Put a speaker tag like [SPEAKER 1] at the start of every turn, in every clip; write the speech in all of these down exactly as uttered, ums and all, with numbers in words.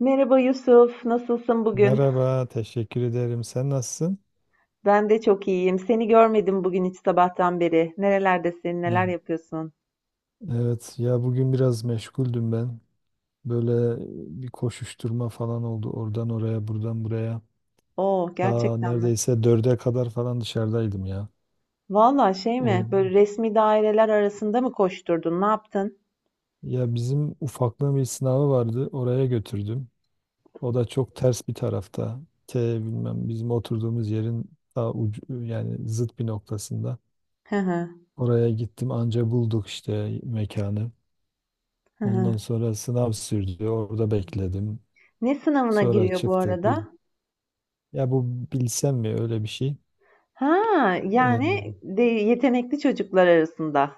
[SPEAKER 1] Merhaba Yusuf, nasılsın bugün?
[SPEAKER 2] Merhaba, teşekkür ederim. Sen nasılsın?
[SPEAKER 1] Ben de çok iyiyim. Seni görmedim bugün hiç sabahtan beri. Nerelerdesin, neler
[SPEAKER 2] Evet,
[SPEAKER 1] yapıyorsun?
[SPEAKER 2] Evet, ya bugün biraz meşguldüm ben. Böyle bir koşuşturma falan oldu. Oradan oraya, buradan buraya.
[SPEAKER 1] Oo,
[SPEAKER 2] Ta
[SPEAKER 1] gerçekten mi?
[SPEAKER 2] neredeyse dörde kadar falan dışarıdaydım ya.
[SPEAKER 1] Valla şey mi,
[SPEAKER 2] O,
[SPEAKER 1] böyle resmi daireler arasında mı koşturdun, ne yaptın?
[SPEAKER 2] Ya bizim ufaklığın bir sınavı vardı. Oraya götürdüm. O da çok ters bir tarafta. T bilmem bizim oturduğumuz yerin ta ucu, yani zıt bir noktasında.
[SPEAKER 1] Hı hı,
[SPEAKER 2] Oraya gittim anca bulduk işte mekanı.
[SPEAKER 1] hı hı.
[SPEAKER 2] Ondan sonra sınav sürdü. Orada bekledim.
[SPEAKER 1] Ne sınavına
[SPEAKER 2] Sonra
[SPEAKER 1] giriyor bu
[SPEAKER 2] çıktık. Bil-
[SPEAKER 1] arada?
[SPEAKER 2] Ya bu bilsem mi öyle bir şey?
[SPEAKER 1] Ha,
[SPEAKER 2] Ee,
[SPEAKER 1] yani de yetenekli çocuklar arasında.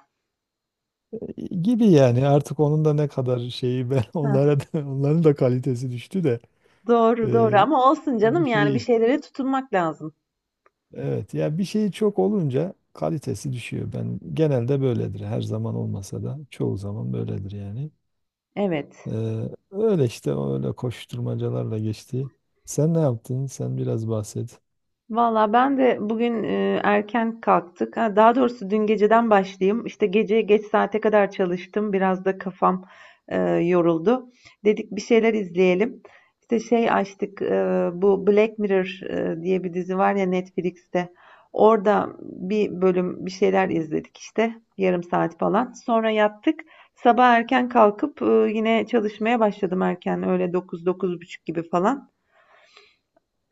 [SPEAKER 2] Gibi yani artık onun da ne kadar şeyi ben
[SPEAKER 1] Heh,
[SPEAKER 2] onlara da, onların da kalitesi düştü de
[SPEAKER 1] doğru doğru
[SPEAKER 2] ee,
[SPEAKER 1] ama olsun
[SPEAKER 2] bir
[SPEAKER 1] canım yani bir
[SPEAKER 2] şey
[SPEAKER 1] şeylere tutunmak lazım.
[SPEAKER 2] evet ya bir şey çok olunca kalitesi düşüyor. Ben genelde böyledir. Her zaman olmasa da çoğu zaman böyledir yani.
[SPEAKER 1] Evet.
[SPEAKER 2] Ee, Öyle işte öyle koşturmacalarla geçti. Sen ne yaptın? Sen biraz bahset.
[SPEAKER 1] Valla ben de bugün e, erken kalktık. Ha, daha doğrusu dün geceden başlayayım. İşte gece geç saate kadar çalıştım. Biraz da kafam e, yoruldu. Dedik bir şeyler izleyelim. İşte şey açtık. E, bu Black Mirror e, diye bir dizi var ya Netflix'te. Orada bir bölüm bir şeyler izledik işte. Yarım saat falan. Sonra yattık. Sabah erken kalkıp e, yine çalışmaya başladım erken. Öyle dokuz buçuk gibi falan.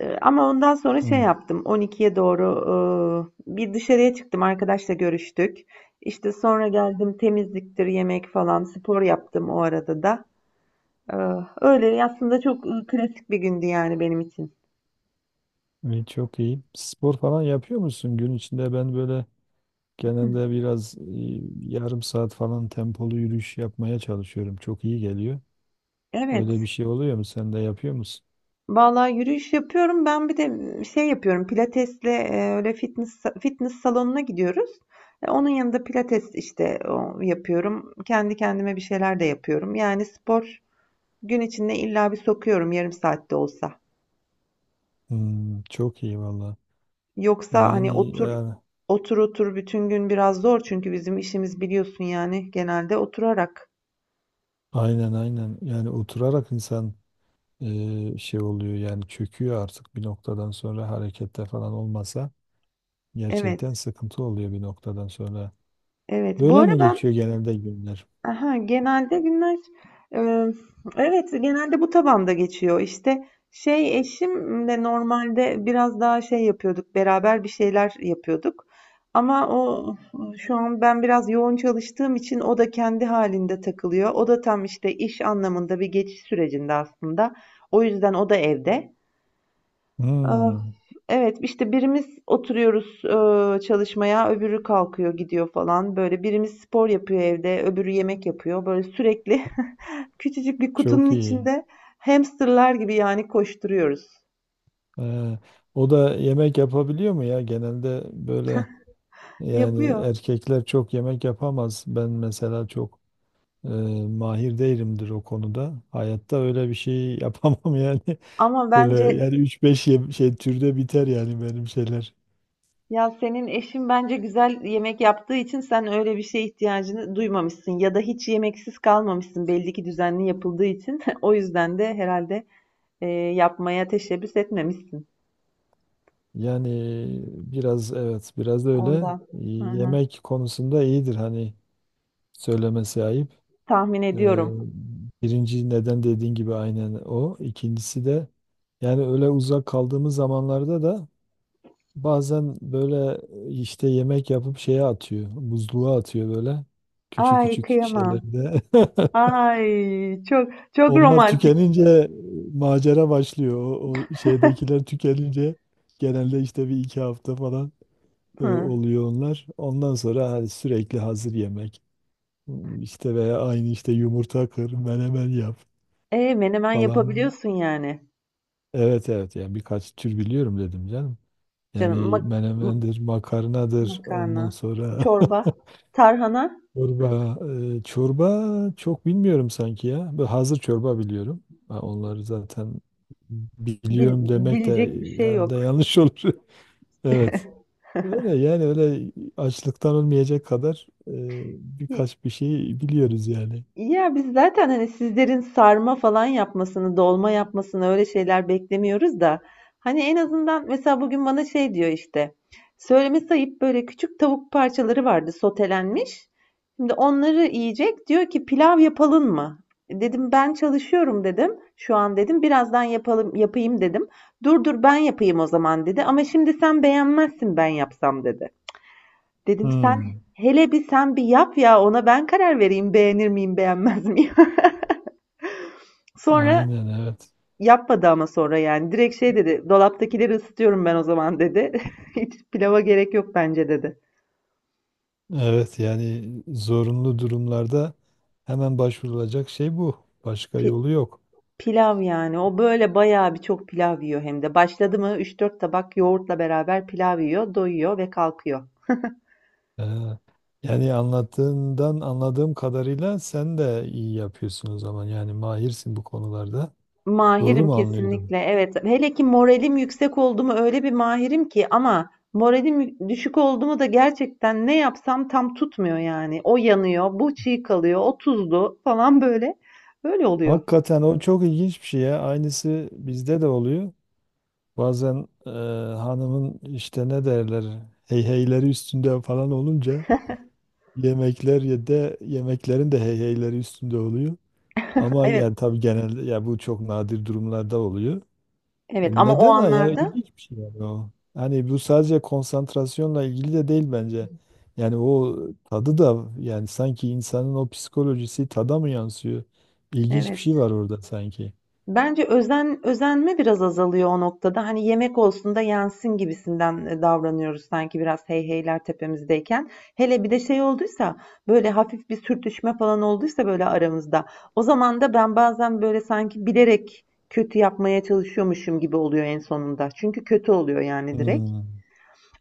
[SPEAKER 1] Eee, ama ondan sonra şey yaptım, on ikiye doğru, eee, bir dışarıya çıktım, arkadaşla görüştük. İşte sonra geldim, temizliktir, yemek falan, spor yaptım o arada da. Eee, Öyle aslında çok e, klasik bir gündü yani benim için.
[SPEAKER 2] İyi, çok iyi. Spor falan yapıyor musun gün içinde? Ben böyle genelde biraz e, yarım saat falan tempolu yürüyüş yapmaya çalışıyorum. Çok iyi geliyor. Öyle bir
[SPEAKER 1] Evet,
[SPEAKER 2] şey oluyor mu? Sen de yapıyor musun?
[SPEAKER 1] vallahi yürüyüş yapıyorum, ben bir de şey yapıyorum, pilatesle e, öyle fitness, fitness salonuna gidiyoruz. E, Onun yanında pilates işte o, yapıyorum. Kendi kendime bir şeyler de yapıyorum. Yani spor gün içinde illa bir sokuyorum yarım saatte olsa.
[SPEAKER 2] Hmm, çok iyi valla.
[SPEAKER 1] Yoksa hani
[SPEAKER 2] Yani
[SPEAKER 1] otur
[SPEAKER 2] ya,
[SPEAKER 1] otur otur bütün gün biraz zor çünkü bizim işimiz biliyorsun yani genelde oturarak.
[SPEAKER 2] aynen aynen. Yani oturarak insan e, şey oluyor yani çöküyor artık bir noktadan sonra harekette falan olmasa
[SPEAKER 1] Evet,
[SPEAKER 2] gerçekten sıkıntı oluyor bir noktadan sonra.
[SPEAKER 1] evet. Bu
[SPEAKER 2] Böyle
[SPEAKER 1] ara
[SPEAKER 2] mi
[SPEAKER 1] ben
[SPEAKER 2] geçiyor genelde günler?
[SPEAKER 1] aha, genelde günler e, evet genelde bu tabanda geçiyor. İşte şey eşimle normalde biraz daha şey yapıyorduk beraber bir şeyler yapıyorduk. Ama o şu an ben biraz yoğun çalıştığım için o da kendi halinde takılıyor. O da tam işte iş anlamında bir geçiş sürecinde aslında. O yüzden o da evde. Ah,
[SPEAKER 2] Hmm,
[SPEAKER 1] evet işte birimiz oturuyoruz eee, çalışmaya öbürü kalkıyor gidiyor falan böyle birimiz spor yapıyor evde öbürü yemek yapıyor böyle sürekli küçücük bir kutunun
[SPEAKER 2] çok iyi.
[SPEAKER 1] içinde hamsterlar gibi yani koşturuyoruz.
[SPEAKER 2] Ee, O da yemek yapabiliyor mu ya? Genelde böyle yani
[SPEAKER 1] Yapıyor
[SPEAKER 2] erkekler çok yemek yapamaz. Ben mesela çok e, mahir değilimdir o konuda. Hayatta öyle bir şey yapamam yani.
[SPEAKER 1] ama
[SPEAKER 2] Böyle
[SPEAKER 1] bence
[SPEAKER 2] yani üç beş ye- şey türde biter yani benim şeyler.
[SPEAKER 1] ya senin eşin bence güzel yemek yaptığı için sen öyle bir şeye ihtiyacını duymamışsın ya da hiç yemeksiz kalmamışsın belli ki düzenli yapıldığı için o yüzden de herhalde eee, yapmaya teşebbüs etmemişsin
[SPEAKER 2] Yani biraz evet biraz da öyle.
[SPEAKER 1] ondan.
[SPEAKER 2] Ee,
[SPEAKER 1] Hı hı.
[SPEAKER 2] Yemek konusunda iyidir hani söylemesi ayıp.
[SPEAKER 1] Tahmin
[SPEAKER 2] Ee,
[SPEAKER 1] ediyorum.
[SPEAKER 2] Birinci neden dediğin gibi aynen o. İkincisi de yani öyle uzak kaldığımız zamanlarda da bazen böyle e, işte yemek yapıp şeye atıyor. Buzluğa atıyor böyle. Küçük
[SPEAKER 1] Ay
[SPEAKER 2] küçük
[SPEAKER 1] kıyamam.
[SPEAKER 2] şeylerde.
[SPEAKER 1] Ay çok çok
[SPEAKER 2] Onlar
[SPEAKER 1] romantik.
[SPEAKER 2] tükenince e, macera başlıyor. O, o şeydekiler tükenince genelde işte bir iki hafta falan e,
[SPEAKER 1] Hı.
[SPEAKER 2] oluyor onlar. Ondan sonra hani sürekli hazır yemek. Hmm, işte veya aynı işte yumurta kır, menemen yap
[SPEAKER 1] E menemen
[SPEAKER 2] falan.
[SPEAKER 1] yapabiliyorsun yani.
[SPEAKER 2] Evet evet yani birkaç tür biliyorum dedim canım.
[SPEAKER 1] Canım
[SPEAKER 2] Yani
[SPEAKER 1] mak- m-
[SPEAKER 2] menemendir, makarnadır ondan
[SPEAKER 1] makarna,
[SPEAKER 2] sonra
[SPEAKER 1] çorba, tarhana
[SPEAKER 2] Çorba, e, çorba çok bilmiyorum sanki ya. Böyle hazır çorba biliyorum. Ha, onları zaten
[SPEAKER 1] bil-
[SPEAKER 2] biliyorum demek de
[SPEAKER 1] bilecek bir şey
[SPEAKER 2] herhalde
[SPEAKER 1] yok.
[SPEAKER 2] yanlış olur. Evet. Öyle yani öyle açlıktan ölmeyecek kadar e, birkaç bir şey biliyoruz yani.
[SPEAKER 1] Ya biz zaten hani sizlerin sarma falan yapmasını, dolma yapmasını öyle şeyler beklemiyoruz da hani en azından mesela bugün bana şey diyor işte söylemesi ayıp böyle küçük tavuk parçaları vardı sotelenmiş. Şimdi onları yiyecek diyor ki pilav yapalım mı? Dedim ben çalışıyorum dedim. Şu an dedim birazdan yapalım yapayım dedim. Dur dur ben yapayım o zaman dedi. Ama şimdi sen beğenmezsin ben yapsam dedi. Dedim sen
[SPEAKER 2] Hmm.
[SPEAKER 1] hele bir sen bir yap ya ona ben karar vereyim beğenir miyim beğenmez miyim. Sonra
[SPEAKER 2] Aynen evet.
[SPEAKER 1] yapmadı ama sonra yani direkt şey dedi dolaptakileri ısıtıyorum ben o zaman dedi. Hiç pilava gerek yok bence dedi.
[SPEAKER 2] Evet yani zorunlu durumlarda hemen başvurulacak şey bu. Başka
[SPEAKER 1] Pi-
[SPEAKER 2] yolu yok.
[SPEAKER 1] Pilav yani o böyle bayağı bir çok pilav yiyor hem de. Başladı mı üç dört tabak yoğurtla beraber pilav yiyor, doyuyor ve kalkıyor.
[SPEAKER 2] Ha, yani anlattığından anladığım kadarıyla sen de iyi yapıyorsun o zaman. Yani mahirsin bu konularda. Doğru
[SPEAKER 1] Mahirim
[SPEAKER 2] mu anlıyorum?
[SPEAKER 1] kesinlikle. Evet. Hele ki moralim yüksek oldu mu öyle bir mahirim ki ama moralim yü- düşük oldu mu da gerçekten ne yapsam tam tutmuyor yani. O yanıyor, bu çiğ kalıyor, o tuzlu falan böyle. Böyle oluyor.
[SPEAKER 2] Hakikaten o çok ilginç bir şey ya. Aynısı bizde de oluyor. Bazen e, hanımın işte ne derler heyheyleri üstünde falan olunca yemekler ya da yemeklerin de heyheyleri üstünde oluyor. Ama
[SPEAKER 1] Evet.
[SPEAKER 2] yani tabii genelde ya bu çok nadir durumlarda oluyor.
[SPEAKER 1] Evet ama o
[SPEAKER 2] Neden ha? Yani
[SPEAKER 1] anlarda
[SPEAKER 2] ilginç bir şey yani o. Hani bu sadece konsantrasyonla ilgili de değil bence. Yani o tadı da yani sanki insanın o psikolojisi tada mı yansıyor? İlginç bir şey
[SPEAKER 1] evet.
[SPEAKER 2] var orada sanki.
[SPEAKER 1] Bence özen özenme biraz azalıyor o noktada. Hani yemek olsun da yensin gibisinden e, davranıyoruz sanki biraz hey heyler tepemizdeyken. Hele bir de şey olduysa böyle hafif bir sürtüşme falan olduysa böyle aramızda. O zaman da ben bazen böyle sanki bilerek kötü yapmaya çalışıyormuşum gibi oluyor en sonunda. Çünkü kötü oluyor yani direkt.
[SPEAKER 2] Hmm.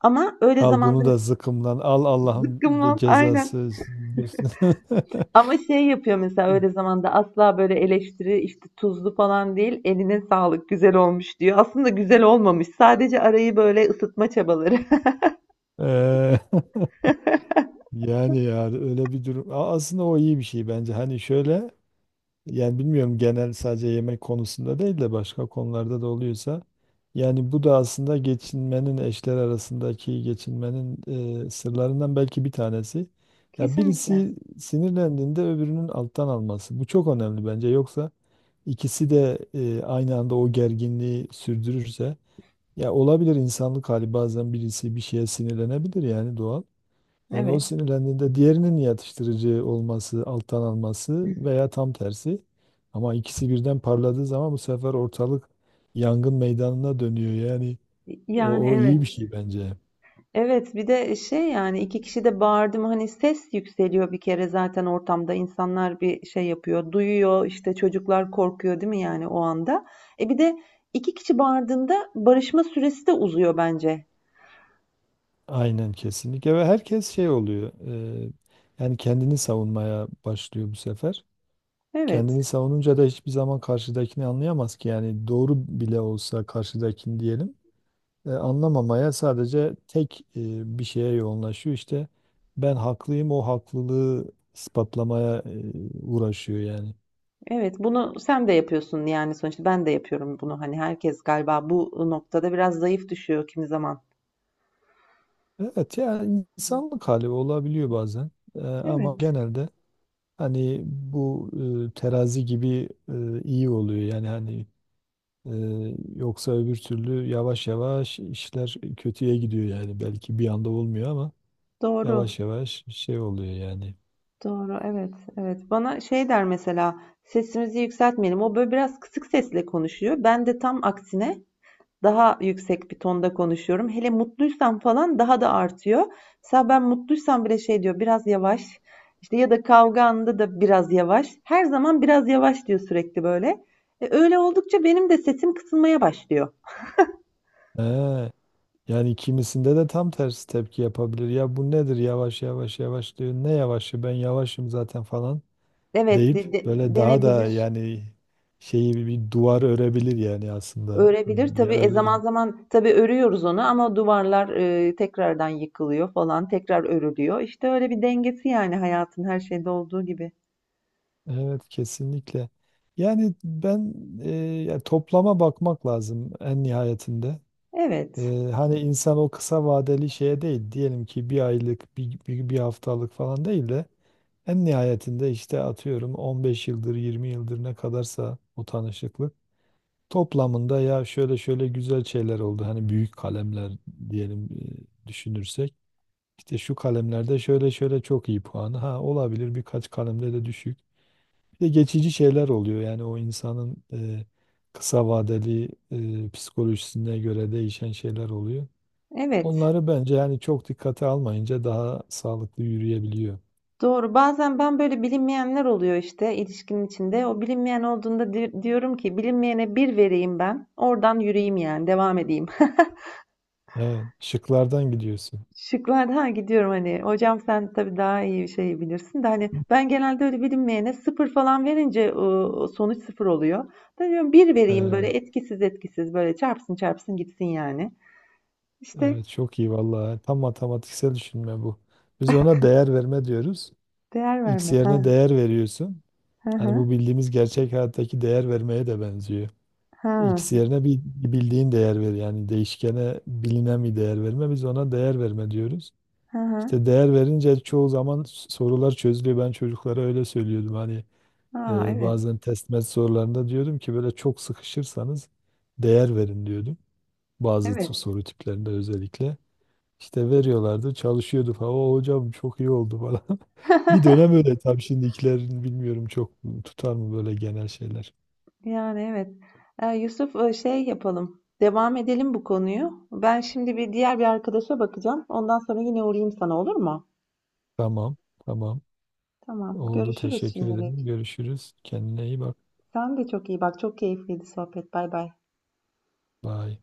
[SPEAKER 1] Ama öyle
[SPEAKER 2] Al
[SPEAKER 1] zamanda
[SPEAKER 2] bunu da zıkkımlan. Al Allah'ın be-
[SPEAKER 1] zıkkımlan aynen.
[SPEAKER 2] cezası. Diyorsun.
[SPEAKER 1] Ama şey yapıyor mesela öyle zamanda asla böyle eleştiri işte tuzlu falan değil eline sağlık güzel olmuş diyor. Aslında güzel olmamış sadece arayı böyle ısıtma çabaları.
[SPEAKER 2] Eee, yani ya öyle bir durum. A- Aslında o iyi bir şey bence. Hani şöyle, yani bilmiyorum genel sadece yemek konusunda değil de başka konularda da oluyorsa. Yani bu da aslında geçinmenin eşler arasındaki geçinmenin e, sırlarından belki bir tanesi. Ya
[SPEAKER 1] Kesinlikle.
[SPEAKER 2] birisi sinirlendiğinde öbürünün alttan alması. Bu çok önemli bence. Yoksa ikisi de e, aynı anda o gerginliği sürdürürse ya olabilir insanlık hali bazen birisi bir şeye sinirlenebilir yani doğal. Yani o
[SPEAKER 1] Evet.
[SPEAKER 2] sinirlendiğinde diğerinin yatıştırıcı olması, alttan alması veya tam tersi. Ama ikisi birden parladığı zaman bu sefer ortalık yangın meydanına dönüyor. Yani
[SPEAKER 1] Yani
[SPEAKER 2] o, o iyi bir
[SPEAKER 1] evet.
[SPEAKER 2] şey bence.
[SPEAKER 1] Evet bir de şey yani iki kişi de bağırdım hani ses yükseliyor bir kere zaten ortamda insanlar bir şey yapıyor duyuyor işte çocuklar korkuyor değil mi yani o anda. E bir de iki kişi bağırdığında barışma süresi de uzuyor bence.
[SPEAKER 2] Aynen kesinlikle ve herkes şey oluyor. e, Yani kendini savunmaya başlıyor bu sefer.
[SPEAKER 1] Evet.
[SPEAKER 2] Kendini savununca da hiçbir zaman karşıdakini anlayamaz ki. Yani doğru bile olsa karşıdakini diyelim. E, anlamamaya sadece tek e, bir şeye yoğunlaşıyor. İşte ben haklıyım o haklılığı ispatlamaya e, uğraşıyor yani.
[SPEAKER 1] Evet, bunu sen de yapıyorsun yani sonuçta ben de yapıyorum bunu. Hani herkes galiba bu noktada biraz zayıf düşüyor kimi zaman.
[SPEAKER 2] Evet yani insanlık hali olabiliyor bazen. E, ama
[SPEAKER 1] Evet,
[SPEAKER 2] genelde hani bu e, terazi gibi e, iyi oluyor yani hani, e, yoksa öbür türlü yavaş yavaş işler kötüye gidiyor yani belki bir anda olmuyor ama
[SPEAKER 1] doğru,
[SPEAKER 2] yavaş yavaş şey oluyor yani.
[SPEAKER 1] doğru, evet, evet. Bana şey der mesela sesimizi yükseltmeyelim. O böyle biraz kısık sesle konuşuyor. Ben de tam aksine daha yüksek bir tonda konuşuyorum. Hele mutluysam falan daha da artıyor. Mesela ben mutluysam bile şey diyor biraz yavaş. İşte ya da kavga anında da biraz yavaş. Her zaman biraz yavaş diyor sürekli böyle. E, öyle oldukça benim de sesim kısılmaya başlıyor.
[SPEAKER 2] He, yani kimisinde de tam tersi tepki yapabilir. Ya bu nedir yavaş yavaş yavaş diyor. Ne yavaşı ben yavaşım zaten falan
[SPEAKER 1] Evet,
[SPEAKER 2] deyip
[SPEAKER 1] de- de-
[SPEAKER 2] böyle daha da
[SPEAKER 1] denebilir,
[SPEAKER 2] yani şeyi bir bir duvar örebilir yani aslında.
[SPEAKER 1] örebilir.
[SPEAKER 2] Ya
[SPEAKER 1] Tabii e,
[SPEAKER 2] öyle,
[SPEAKER 1] zaman zaman tabii örüyoruz onu ama duvarlar e, tekrardan yıkılıyor falan, tekrar örülüyor. İşte öyle bir dengesi yani hayatın her şeyde olduğu gibi.
[SPEAKER 2] evet kesinlikle. Yani ben e, ya toplama bakmak lazım en nihayetinde.
[SPEAKER 1] Evet,
[SPEAKER 2] E, hani insan o kısa vadeli şeye değil diyelim ki bir aylık bir, bir, bir haftalık falan değil de en nihayetinde işte atıyorum on beş yıldır yirmi yıldır ne kadarsa o tanışıklık toplamında ya şöyle şöyle güzel şeyler oldu. Hani büyük kalemler diyelim, e, düşünürsek işte şu kalemlerde şöyle şöyle çok iyi puanı ha olabilir birkaç kalemde de düşük. Bir de geçici şeyler oluyor yani o insanın e, kısa vadeli e, psikolojisine göre değişen şeyler oluyor.
[SPEAKER 1] evet.
[SPEAKER 2] Onları bence yani çok dikkate almayınca daha sağlıklı yürüyebiliyor.
[SPEAKER 1] Doğru. Bazen ben böyle bilinmeyenler oluyor işte ilişkinin içinde. O bilinmeyen olduğunda di- diyorum ki bilinmeyene bir vereyim ben. Oradan yürüyeyim yani devam edeyim.
[SPEAKER 2] Evet, şıklardan gidiyorsun.
[SPEAKER 1] Şıklarda ha gidiyorum hani hocam sen tabii daha iyi bir şey bilirsin de hani ben genelde öyle bilinmeyene sıfır falan verince e, sonuç sıfır oluyor. Da diyorum bir vereyim böyle
[SPEAKER 2] Evet.
[SPEAKER 1] etkisiz etkisiz böyle çarpsın çarpsın gitsin yani. İşte
[SPEAKER 2] Evet çok iyi vallahi. Tam matematiksel düşünme bu. Biz ona değer verme diyoruz.
[SPEAKER 1] değer
[SPEAKER 2] X
[SPEAKER 1] verme. Ha
[SPEAKER 2] yerine değer veriyorsun.
[SPEAKER 1] ha
[SPEAKER 2] Hani
[SPEAKER 1] ha
[SPEAKER 2] bu bildiğimiz gerçek hayattaki değer vermeye de benziyor.
[SPEAKER 1] ha
[SPEAKER 2] X yerine bir bir bildiğin değer ver. Yani değişkene bilinen bir değer verme. Biz ona değer verme diyoruz.
[SPEAKER 1] ha ha.
[SPEAKER 2] İşte değer verince çoğu zaman s- sorular çözülüyor. Ben çocuklara öyle söylüyordum. Hani
[SPEAKER 1] Aa,
[SPEAKER 2] e,
[SPEAKER 1] evet.
[SPEAKER 2] bazen test met sorularında diyordum ki böyle çok sıkışırsanız değer verin diyordum. Bazı
[SPEAKER 1] Evet.
[SPEAKER 2] t- soru tiplerinde özellikle. İşte veriyorlardı, çalışıyordu falan. O hocam çok iyi oldu falan. Bir dönem öyle tabii şimdikilerin bilmiyorum çok tutar mı böyle genel şeyler.
[SPEAKER 1] Yani evet. Ee, Yusuf, e, şey yapalım. Devam edelim bu konuyu. Ben şimdi bir diğer bir arkadaşa bakacağım. Ondan sonra yine uğrayayım sana olur mu?
[SPEAKER 2] Tamam, tamam.
[SPEAKER 1] Tamam.
[SPEAKER 2] Oldu.
[SPEAKER 1] Görüşürüz
[SPEAKER 2] Teşekkür ederim.
[SPEAKER 1] şimdilik.
[SPEAKER 2] Görüşürüz. Kendine iyi bak.
[SPEAKER 1] Sen de çok iyi bak. Çok keyifliydi sohbet. Bay bay.
[SPEAKER 2] Bye.